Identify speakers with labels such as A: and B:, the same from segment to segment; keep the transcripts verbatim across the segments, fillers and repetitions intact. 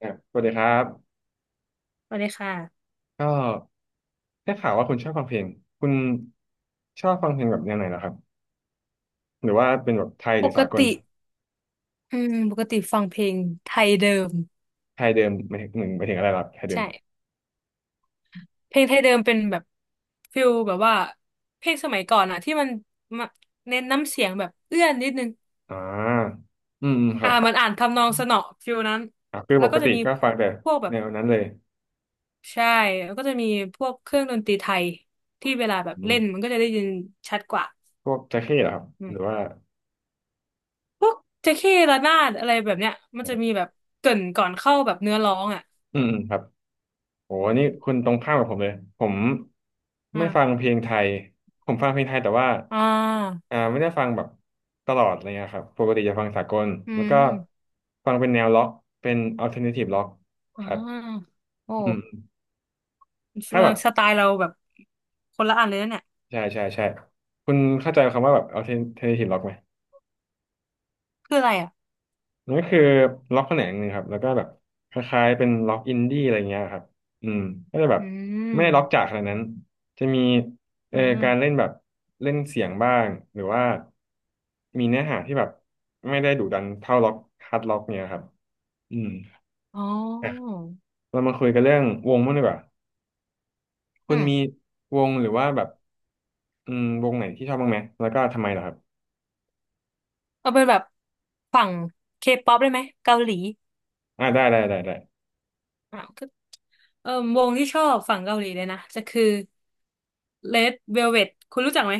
A: อ่ะสวัสดีครับ
B: สวัสดีค่ะ
A: ก็ได้ข่าวว่าคุณชอบฟังเพลงคุณชอบฟังเพลงแบบแนวไหนเหรอครับหรือว่าเป็นแบบไทยห
B: ป
A: รือสาก
B: ก
A: ล
B: ติอืมปกติฟังเพลงไทยเดิม
A: ไทยเดิมหมายถึงหนึ่งหมายถึงอะไรล่ะไทยเดิม
B: ใช่เพลงไทยเดิมเป็นแบบฟิลแบบว่าเพลงสมัยก่อนอะที่มันมาเน้นน้ำเสียงแบบเอื้อนนิดนึง
A: อ่าอืมอืมค
B: อ่า
A: รับ
B: มันอ่านทำนองสนอฟิลนั้น
A: อ่ะคือ
B: แล้
A: ป
B: ว
A: ก
B: ก็จะ
A: ติ
B: มี
A: ก็ฟังแต่
B: พวกแบ
A: แน
B: บ
A: วนั้นเลย
B: ใช่แล้วก็จะมีพวกเครื่องดนตรีไทยที่เวลาแบบ
A: อื
B: เล่
A: ม
B: นมันก็จะได้ยินชัดกว่า
A: พวกแจ็คเก็เหรอครับ
B: อื
A: หรือ
B: ม
A: ว่า
B: พวกแจ็คเก้ระนาดอะไรแบบเนี้ยมัน
A: อื
B: จะมี
A: ม
B: แบบเกริ่นก่อนเข้าแบบเนื้อร้องอะ
A: อืมครับ โอ้นี่คุณตรงข้ามกับผมเลยผมไม่ฟัง
B: อ่า
A: เพลงไทยผมฟังเพลงไทยแต่ว่า
B: อ่า
A: อ่าไม่ได้ฟังแบบตลอดอะไรเงี้ยครับปกติจะฟังสากล
B: อื
A: แล้วก็
B: ม
A: ฟังเป็นแนวล็อกเป็นอัลเทอร์เนทีฟล็อก
B: อ่
A: ครับ
B: าโอ้
A: อืมถ้าแบบ
B: สไตล์เราแบบคนละอันเลยนะเนี่ย
A: ใช่ใช่ใช่คุณเข้าใจคำว่าแบบอัลเทอร์เนทีฟล็อกไหม
B: คืออะไรอ่ะ
A: นั่นก็คือล็อกแขนงหนึ่งครับแล้วก็แบบคล้ายๆเป็นล็อกอินดี้อะไรเงี้ยครับอืมก็จะแบบ
B: อื
A: ไม่ได้ล็อกจ๋า
B: ม
A: ขนาดนั้นจะมี
B: อื
A: เอ่อ
B: ม
A: การเล่นแบบเล่นเสียงบ้างหรือว่ามีเนื้อหาที่แบบไม่ได้ดุดันเท่าล็อกฮาร์ดล็อกเนี่ยครับอืม
B: อ๋อ
A: เรามาคุยกันเรื่องวงมั่งดีกว่าคุ
B: อื
A: ณ
B: ม
A: มีวงหรือว่าแบบอืมวงไหนที่ชอบบ้างไหมแล้วก็ทำไมล่ะครับ
B: เอาเป็นแบบฝั่งเคป๊อปได้ไหมเกาหลี
A: อ่าได้ได้ได้ได้
B: อ่ะก็เออวงที่ชอบฝั่งเกาหลีเลยนะ จะคือ Red Velvet คุณรู้จักไหม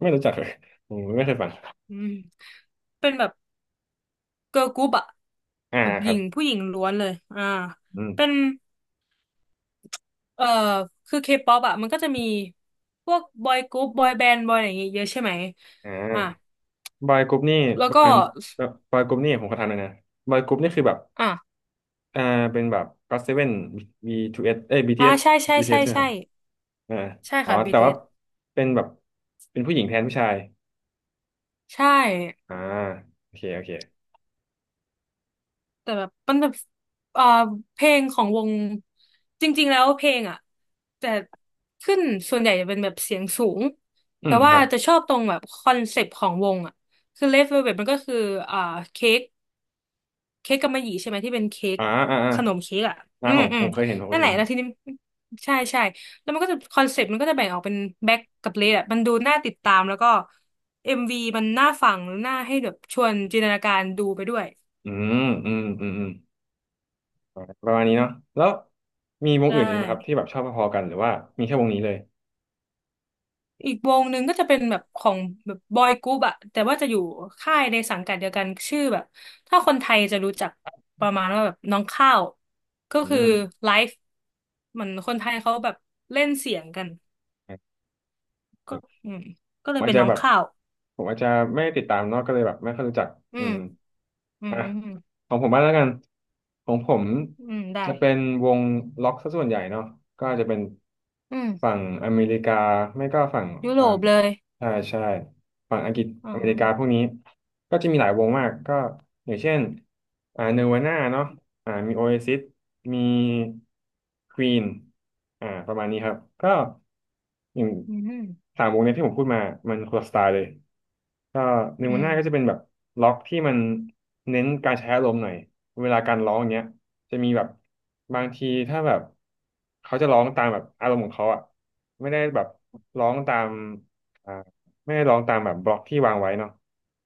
A: ไม่รู้จักเลยผมไม่เคยฟัง
B: อืม เป็นแบบเกิร์ลกรุ๊ปอะ
A: อ่า
B: แบบ
A: ค
B: ห
A: รั
B: ญิ
A: บ
B: งผู้หญิงล้วนเลย อ่า
A: อืม
B: เป็น เออคือเคป๊อปอ่ะมันก็จะมีพวกบอยกรุ๊ปบอยแบนด์บอยอะไรอย่างเงี้ยเยอะใช่ไหม
A: อ่า
B: อ่ะ
A: บอยกรุ๊ปนี่
B: แล้ว
A: ประ
B: ก็
A: มาณบอยกรุ๊ปนี่ผมขอถามหน่อยนะบอยกรุ๊ปนี่คือแบบ
B: อ่ะ
A: อ่าเป็นแบบก็อตเซเว่นบีทูเอสเอ้ยบีที
B: อ่า
A: เอส
B: ใช่ใช่
A: บีทีเอ
B: ใช่
A: สใช่ไหมค
B: ใช่
A: รับอ่า
B: ใช่
A: อ๋อ
B: ค่ะ
A: แต่ว่า
B: บี ที เอส
A: เป็นแบบเป็นผู้หญิงแทนผู้ชาย
B: ใช่
A: อ่าโอเคโอเค
B: แต่แบบมันแบบเอ่อเพลงของวงจริงๆแล้วเพลงอ่ะแต่ขึ้นส่วนใหญ่จะเป็นแบบเสียงสูง
A: อื
B: แต่
A: มค
B: ว่า
A: รับ
B: จะชอบตรงแบบคอนเซปต์ของวงอ่ะคือ Red Velvet มันก็คืออ่าเค้ก เค้กกำมะหยี่ใช่ไหมที่เป็นเค้ก
A: อ่าอ่าอ่า
B: ขนมเค้กอ่ะ
A: อ่า
B: อื
A: ผ
B: ม
A: ม
B: อื
A: ผ
B: ม
A: มเคยเห็นผมเค
B: นั่น
A: ย
B: แหละ
A: เห็น
B: แล้วทีนี้ใช่ใช่แล้วมันก็จะคอนเซ็ปต์มันก็จะแบ่งออกเป็นแบ็คกับเลดอ่ะมันดูน่าติดตามแล้วก็เอ็มวีมันน่าฟังน่าให้แบบชวนจินตนาการดูไปด้วย
A: อืมอืมอืมอืมอ่าประมาณนี้เนาะแล้วมีวง
B: ใช่
A: อื่นอีกไหมครับที่แบบชอบพอๆกันหรือว่ามีแค่วงนี้เลย
B: อีกวงหนึ่งก็จะเป็นแบบของแบบบอยกรุ๊ปอ่ะแต่ว่าจะอยู่ค่ายในสังกัดเดียวกันชื่อแบบถ้าคนไทยจะรู้จักประมาณว่าแบบน้องข้าวก็
A: อื
B: คือ
A: ม
B: ไลฟ์เหมือนคนไทยเขาแบบเล่นเสียงกัน ก็อืมก็
A: ผ
B: เล
A: ม
B: ย
A: อาจ
B: เป็น
A: จะ
B: น้อง
A: แบบ
B: ข้าว
A: ผมอาจจะไม่ได้ติดตามเนาะก็เลยแบบไม่ค่อยรู้จัก
B: อื
A: อื
B: ม
A: ม
B: อื
A: อ่ะ
B: ม
A: ของผมบ้างแล้วกันของผม
B: อืมได้
A: จะเป็นวงล็อกซะส่วนใหญ่เนาะก็อาจจะเป็น
B: อืม
A: ฝั่งอเมริกาไม่ก็ฝั่ง
B: ยุโร
A: อ่า
B: ปเลย
A: ใช่ใช่ฝั่งอังกฤษ
B: อื
A: อเมริกาพวก
B: ม
A: นี้ก็จะมีหลายวงมากก็อย่างเช่นอ่าเนวาน่าเนาะ อ่ามีโอเอซิสมีควีนอ่าประมาณนี้ครับก็อย่าง
B: อืมอื
A: สามวงเนี้ยที่ผมพูดมามันคนละสไตล์เลยก็ในวันหน้าก็
B: ม
A: จะเป็นแบบล็อกที่มันเน้นการใช้อารมณ์หน่อยเวลาการร้องอย่างเงี้ยจะมีแบบบางทีถ้าแบบเขาจะร้องตามแบบอารมณ์ของเขาอ่ะไม่ได้แบบร้องตามอ่าไม่ได้ร้องตามแบบบล็อกที่วางไว้เนาะ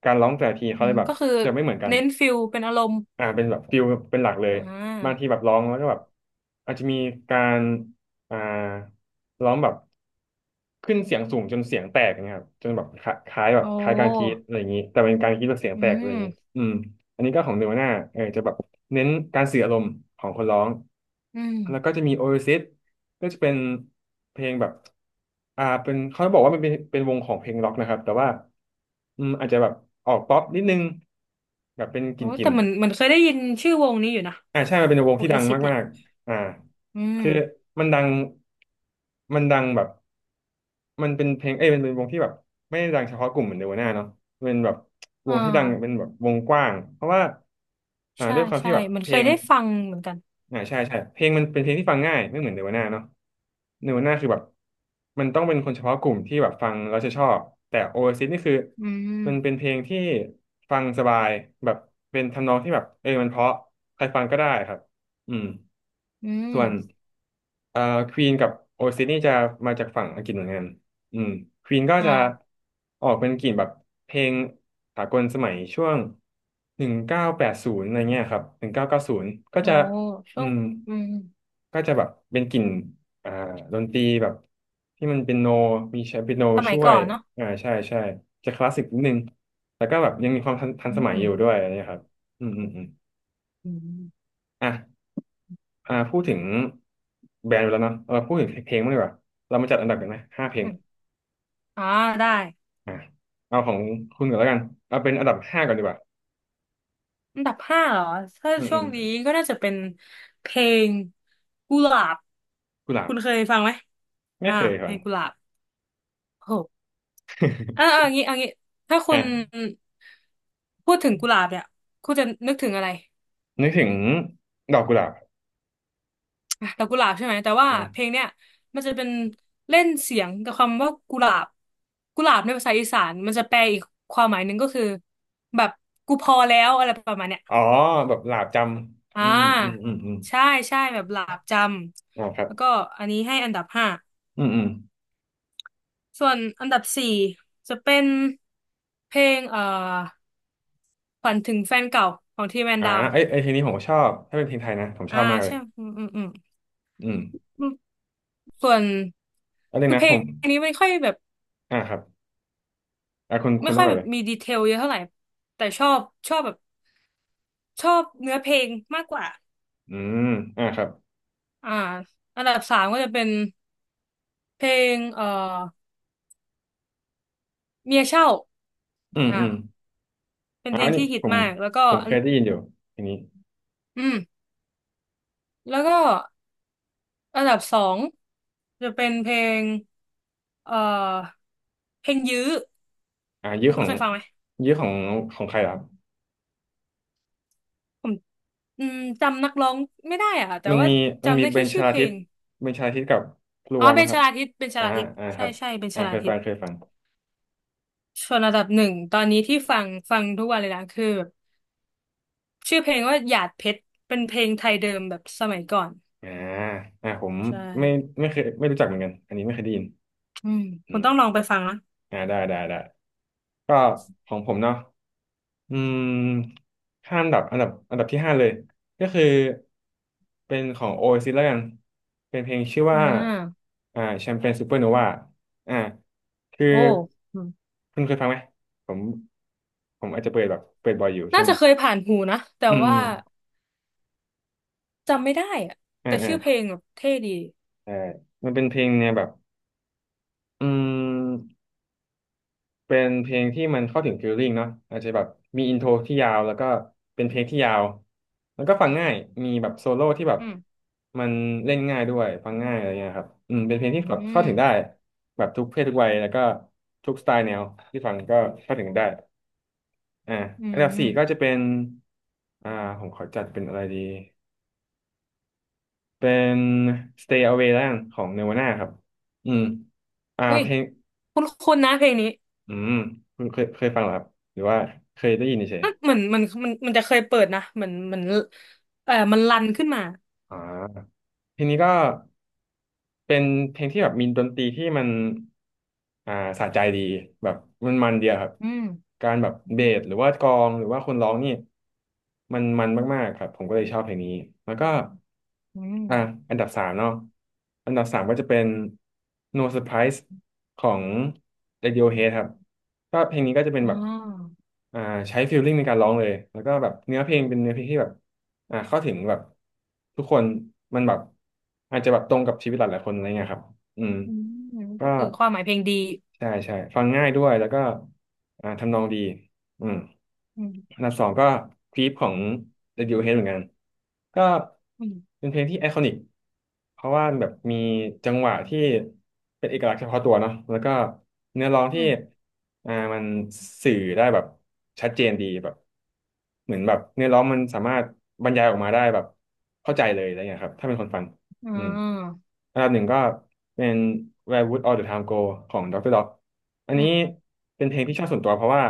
A: การร้องแต่ละทีเขา
B: อื
A: เล
B: ม
A: ยแบบ
B: ก็คือ
A: จะไม่เหมือนกัน
B: เน้นฟิลเป็นอารมณ์
A: อ่าเป็นแบบฟิลเป็นหลักเลย
B: อ่
A: บางที
B: า
A: แบบร้องแล้วก็แบบอาจจะมีการอ่าร้องแบบขึ้นเสียงสูงจนเสียงแตกนะครับจนแบบคล้าคล้ายแบบ
B: โอ้
A: คล้ายการกรีดอะไรอย่างนี้แต่เป็นการกรีดแบบเสียง
B: อื
A: แตกอะไรอย่างนี้
B: ม
A: อืมอันนี้ก็ของเนวาน่าเออจะแบบเน้นการสื่ออารมณ์ของคนร้อง
B: อืม
A: แล้วก็จะมีโอเอซิสก็จะเป็นเพลงแบบอ่าเป็นเขาบอกว่ามันเป็นเป็นวงของเพลงร็อกนะครับแต่ว่าอืมอาจจะแบบออกป๊อปนิดนึงแบบเป็นก
B: โอ้
A: ลิ่
B: แต่
A: น
B: เหมือนเห
A: ๆ
B: มือนเคยได้ยินชื่อวงนี้อยู่นะ
A: อ่าใช่มันเป็นวง
B: โอ
A: ที่
B: เอ
A: ดัง
B: ซิสเนี่
A: มา
B: ย
A: ก อ่า
B: อืม
A: คือมันดังมันดังแบบมันเป็นเพลงเอ้ยเป็นวงที่แบบไม่ได้ดังเฉพาะกลุ่มเหมือนเนวาน่าเนาะเป็นแบบว
B: อ่
A: งที่ดังเป็น
B: า
A: แบบวงกว้างเพราะว่าอ่า
B: ใช่
A: ด้วยความที่
B: ใช่
A: แบบ
B: เหมือน
A: เพ
B: เค
A: ล
B: ย
A: ง
B: ได้ฟังเหมือนกัน
A: อ่าใช่ใช่เพลงมันเป็นเพลงที่ฟังง่ายไม่เหมือนเนวาน่าเนาะเนวาน่าคือแบบมันต้องเป็นคนเฉพาะกลุ่มที่แบบฟังแล้วจะชอบแต่โอเอซิสนี่คือ
B: อื
A: มันเป็น
B: ม
A: เพลงที่ฟังสบายแบบเป็นทำนองที่แบบเออมันเพราะใครฟังก็ได้ครับอืม
B: อืม
A: ส่วนเอ่อควีนกับโอซิสนี่จะมาจากฝั่งอังกฤษเหมือนกันอืมควีนก็
B: อ่า
A: จะออกเป็นกลิ่นแบบเพลงสากลสมัยช่วงหนึ่งเก้าแปดศูนย์อะไรเงี้ยครับหนึ่งเก้าเก้าศูนย์ก็
B: โอ้
A: จะอื
B: ช่วง
A: ม
B: อืม
A: ก็จะแบบเป็นกลิ่นอ่าดนตรีแบบที่มันเป็นโนมีใช้เปียโน
B: สมั
A: ช่
B: ย
A: ว
B: ก่
A: ย
B: อนเนาะ
A: อ่าใช่ใช่จะคลาสสิกนิดนึงแล้วก็แบบยังมีความทันทัน
B: อื
A: ส
B: ม
A: มัย
B: อื
A: อ
B: ม
A: ยู่ด้วยอะไรเงี้ยครับอืมอืมอืม
B: อื
A: อ่ะ อ่าพูดถึงแบรนด์ไปแล้วเนาะเราพูดถึงเพลงบ้างดีกว่าเรามาจัดอันดับกันไหมห้าเพลง
B: มอ่าได้
A: อ่าเอาของคุณก่อนแล้วกันเอาเป็นอันดับห้าก่อนดีกว่า
B: อันดับห้าเหรอถ้า
A: อืม
B: ช่
A: อื
B: ว
A: ม
B: งนี้ก็น่าจะเป็นเพลงกุหลาบ
A: กุหลาบ
B: คุณเคยฟังไหม
A: ไม่
B: อ่า
A: เคย
B: เพ
A: ก่อ
B: ล
A: น
B: งกุหลาบโอ้โหอ่าอ่าอย่างงี้เอ่างี้ถ้าคุณ
A: อ่ะ
B: พูดถึงกุหลาบเนี่ยคุณจะนึกถึงอะไร
A: นึกถึงดอกกุหลาบ
B: อ่ะแต่กุหลาบใช่ไหมแต่ว่า
A: อ่ะ
B: เพลงเนี่ยมันจะเป็นเล่นเสียงกับคำว่ากุหลาบกุหลาบในภาษาอีสานมันจะแปลอีกความหมายหนึ่งก็คือแบบกูพอแล้วอะไรประมาณเนี้ย
A: อ๋อแบบหลาบจำ
B: อ่
A: อืมอืม
B: า
A: อืมอืมอ
B: ใช่
A: ม
B: ใช่แบบหลาบจ
A: อ่าครั
B: ำ
A: บ
B: แล้วก็อันนี้ให้อันดับห้า
A: อืมอืม
B: ส่วนอันดับสี่จะเป็นเพลงเอ่อฝันถึงแฟนเก่าของทีแมน
A: อ่า
B: ดาว
A: ไอไอเพลงนี้ผมก็ชอบถ้าเป็นเพลงไทยนะผมช
B: อ่า
A: อบมากเลย
B: ใช่อืมอืมอืม
A: อืม
B: อืมส่วน
A: แล้วนึง
B: คือ
A: นะ
B: เพล
A: ผ
B: ง
A: ม
B: นี้ไม่ค่อยแบบ
A: อ่าครับอ่าคุณคุ
B: ไม่
A: ณต้
B: ค่
A: อ
B: อ
A: ง
B: ย
A: ก่อ
B: แบ
A: น
B: บ
A: เลย
B: มีดีเทลเยอะเท่าไหร่แต่ชอบชอบแบบชอบเนื้อเพลงมากกว่า
A: อืมอ่าครับ
B: อ่าอันดับสามก็จะเป็นเพลงเอ่อเมียเช่า
A: อืม
B: อ่า
A: อืม
B: เป็น
A: อ่า
B: เพล
A: อัน
B: ง
A: นี้
B: ที่ฮิต
A: ผม
B: มากแล้วก็
A: ผม
B: อั
A: เค
B: น
A: ยได้ยินอยู่เพลงนี้
B: อืม แล้วก็อันดับสองจะเป็นเพลงเอ่อเพลงยื้อ
A: อ่ายื้อ
B: คุ
A: ข
B: ณ
A: อง
B: เคยฟังไหม
A: ยื้อของของใครล่ะครับ
B: ผมอืมจำนักร้องไม่ได้อะแต่
A: มัน
B: ว่า
A: มีมัน
B: จำ
A: มี
B: ได้
A: เบ
B: แค่
A: นช
B: ชื่อ
A: ลา
B: เพล
A: ทิศ
B: ง
A: เบนชลาทิศกับพลั
B: อ๋อ
A: ว
B: เบ
A: มั้ง
B: น
A: ค
B: ช
A: รับ
B: ลาทิตเบนช
A: อ่า
B: ลาทิต
A: อ่าค
B: ใช่
A: รับ
B: ใช่เบนช
A: อ่าเค
B: ลา
A: ย
B: ทิ
A: ฟั
B: ต
A: งเคยฟัง
B: ส่วนอันดับหนึ่งตอนนี้ที่ฟังฟังทุกวันเลยนะคือแบบชื่อเพลงว่าหยาดเพชรเป็นเพลงไทยเดิมแบบสมัยก่อน
A: อ่าอ่าผม
B: ใช่
A: ไม่ไม่เคยไม่รู้จักเหมือนกันอันนี้ไม่เคยได้ยิน
B: อืม
A: อื
B: คุณ
A: ม
B: ต้องลองไปฟังนะ
A: อ่าได้ได้ได้ก็ของผมเนาะ อืมห้าอันดับอันดับอันดับที่ห้าเลยก็คือเป็นของ o a ซิสแล้วกันเป็นเพลงชื่อ
B: อ่
A: ว่า
B: า
A: อ่าแชมเปญซูเปอร์โนวาอ่าคือ
B: โอ้อืม
A: คุณเคยฟังไหมผมผมอาจจะเปิดแบบเปิดบ่อยอยู่ช่ว
B: น่า
A: ง
B: จะ
A: นี้
B: เคยผ่านหูนะแต่
A: อืม
B: ว่า จำไม่ได้อะ
A: อื
B: แต่
A: มอ่าอ่า
B: ชื่อเพลงแบบเท่ดี
A: เออมันเป็นเพลงเนี่ยแบบอืม เป็นเพลงที่มันเข้าถึงฟีลลิ่งเนาะอาจจะแบบมีอินโทรที่ยาวแล้วก็เป็นเพลงที่ยาวแล้วก็ฟังง่ายมีแบบโซโล่ที่แบบ
B: อืม
A: มันเล่นง่ายด้วยฟังง่ายอะไรเงี้ยครับอืมเป็นเพลง
B: อื
A: ที่แบบเข้า
B: ม
A: ถึงได้แบบทุกเพศทุกวัยแล้วก็ทุกสไตล์แนวที่ฟังก็เข้าถึงได้อ่า
B: อื
A: อันดับสี่ก็จะ
B: ม
A: เป็นอ่าผมขอจัดเป็นอะไรดีเป็น Stay Away แล้วกันของ Nirvana ครับอืมอ่า
B: เฮ้ย
A: เพลง
B: คุ้นคุ้นนะเพลงนี้
A: อืมคุณเคยเคยฟังเหรอครับหรือว่าเคยได้ยินเฉย
B: มันเหมือนมันมันมันจะเคยเปิดนะเหมือนเหมือนเออมันรันขึ้นมา
A: อ่าเพลงนี้ก็เป็นเพลงที่แบบมีดนตรีที่มันอ่าสะใจดีแบบมันมันเดียวครับ
B: อืม
A: การแบบเบสหรือว่ากลองหรือว่าคนร้องนี่มันมันมากๆครับผมก็เลยชอบเพลงนี้แล้วก็
B: อืม
A: อ่าอันดับสามเนาะอันดับสามก็จะเป็น No Surprise ของ Radiohead ครับก็เพลงนี้ก็จะเป็น
B: อ๋อ
A: แบบ อ่าใช้ฟีลลิ่งในการร้องเลยแล้วก็แบบเนื้อเพลงเป็นเนื้อเพลงที่แบบอ่าเข้าถึงแบบทุกคนมันแบบอาจจะแบบตรงกับชีวิตหลายๆคนอะไรเงี้ยครับอืม
B: อืม
A: ก็
B: ก็คือความหมายเพลงดี
A: ใช่ใช่ฟังง่ายด้วยแล้วก็อ่าทำนองดีอืม
B: อืม
A: อันดับสองก็คลิปของ Radiohead เหมือนกันก็
B: อืม
A: เป็นเพลงที่ไอคอนิกเพราะว่าแบบมีจังหวะที่เป็นเอกลักษณ์เฉพาะตัวเนาะแล้วก็เนื้อร้อง
B: อื
A: ที่
B: ม
A: อ่ามันสื่อได้แบบชัดเจนดีแบบเหมือนแบบเนื้อร้องมันสามารถบรรยายออกมาได้แบบเข้าใจเลยอะไรเงี้ยครับถ้าเป็นคนฟัง
B: อ๋
A: อืม
B: อ
A: อันดับหนึ่งก็เป็น Where Would All the Time Go ของ ดอกเตอร์ Dog อัน
B: อื
A: นี้
B: ม
A: เป็นเพลงที่ชอบส่วนตัวเพราะว่า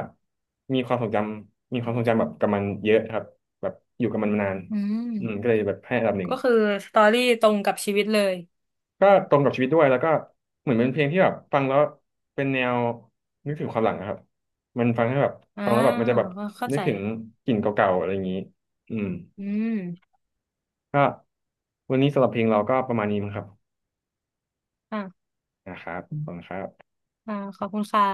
A: มีความทรงจำมีความทรงจำแบบกับมันเยอะครับแบบอยู่กับมันมานาน
B: อืม
A: อืมก็เลยแบบให้อันดับหนึ่ง
B: ก็คือสตอรี่ตรงกับชีวิตเลย
A: ก็ตรงกับชีวิตด้วยแล้วก็เหมือนเป็นเพลงที่แบบฟังแล้วเป็นแนวนึกถึงความหลังนะครับมันฟังให้แบบ
B: อ่า
A: ฟังแล้วแบบมันจะแบบ
B: เข้า
A: นึ
B: ใจ
A: กถึงกลิ่นเก่าๆอะไรอย่างนี้อืม
B: อืม
A: ก็วันนี้สำหรับเพลงเราก็ประมาณนี้มั้งครับ
B: อ่ะ
A: นะครับขอบคุณครับ
B: อ่าขอบคุณค่ะ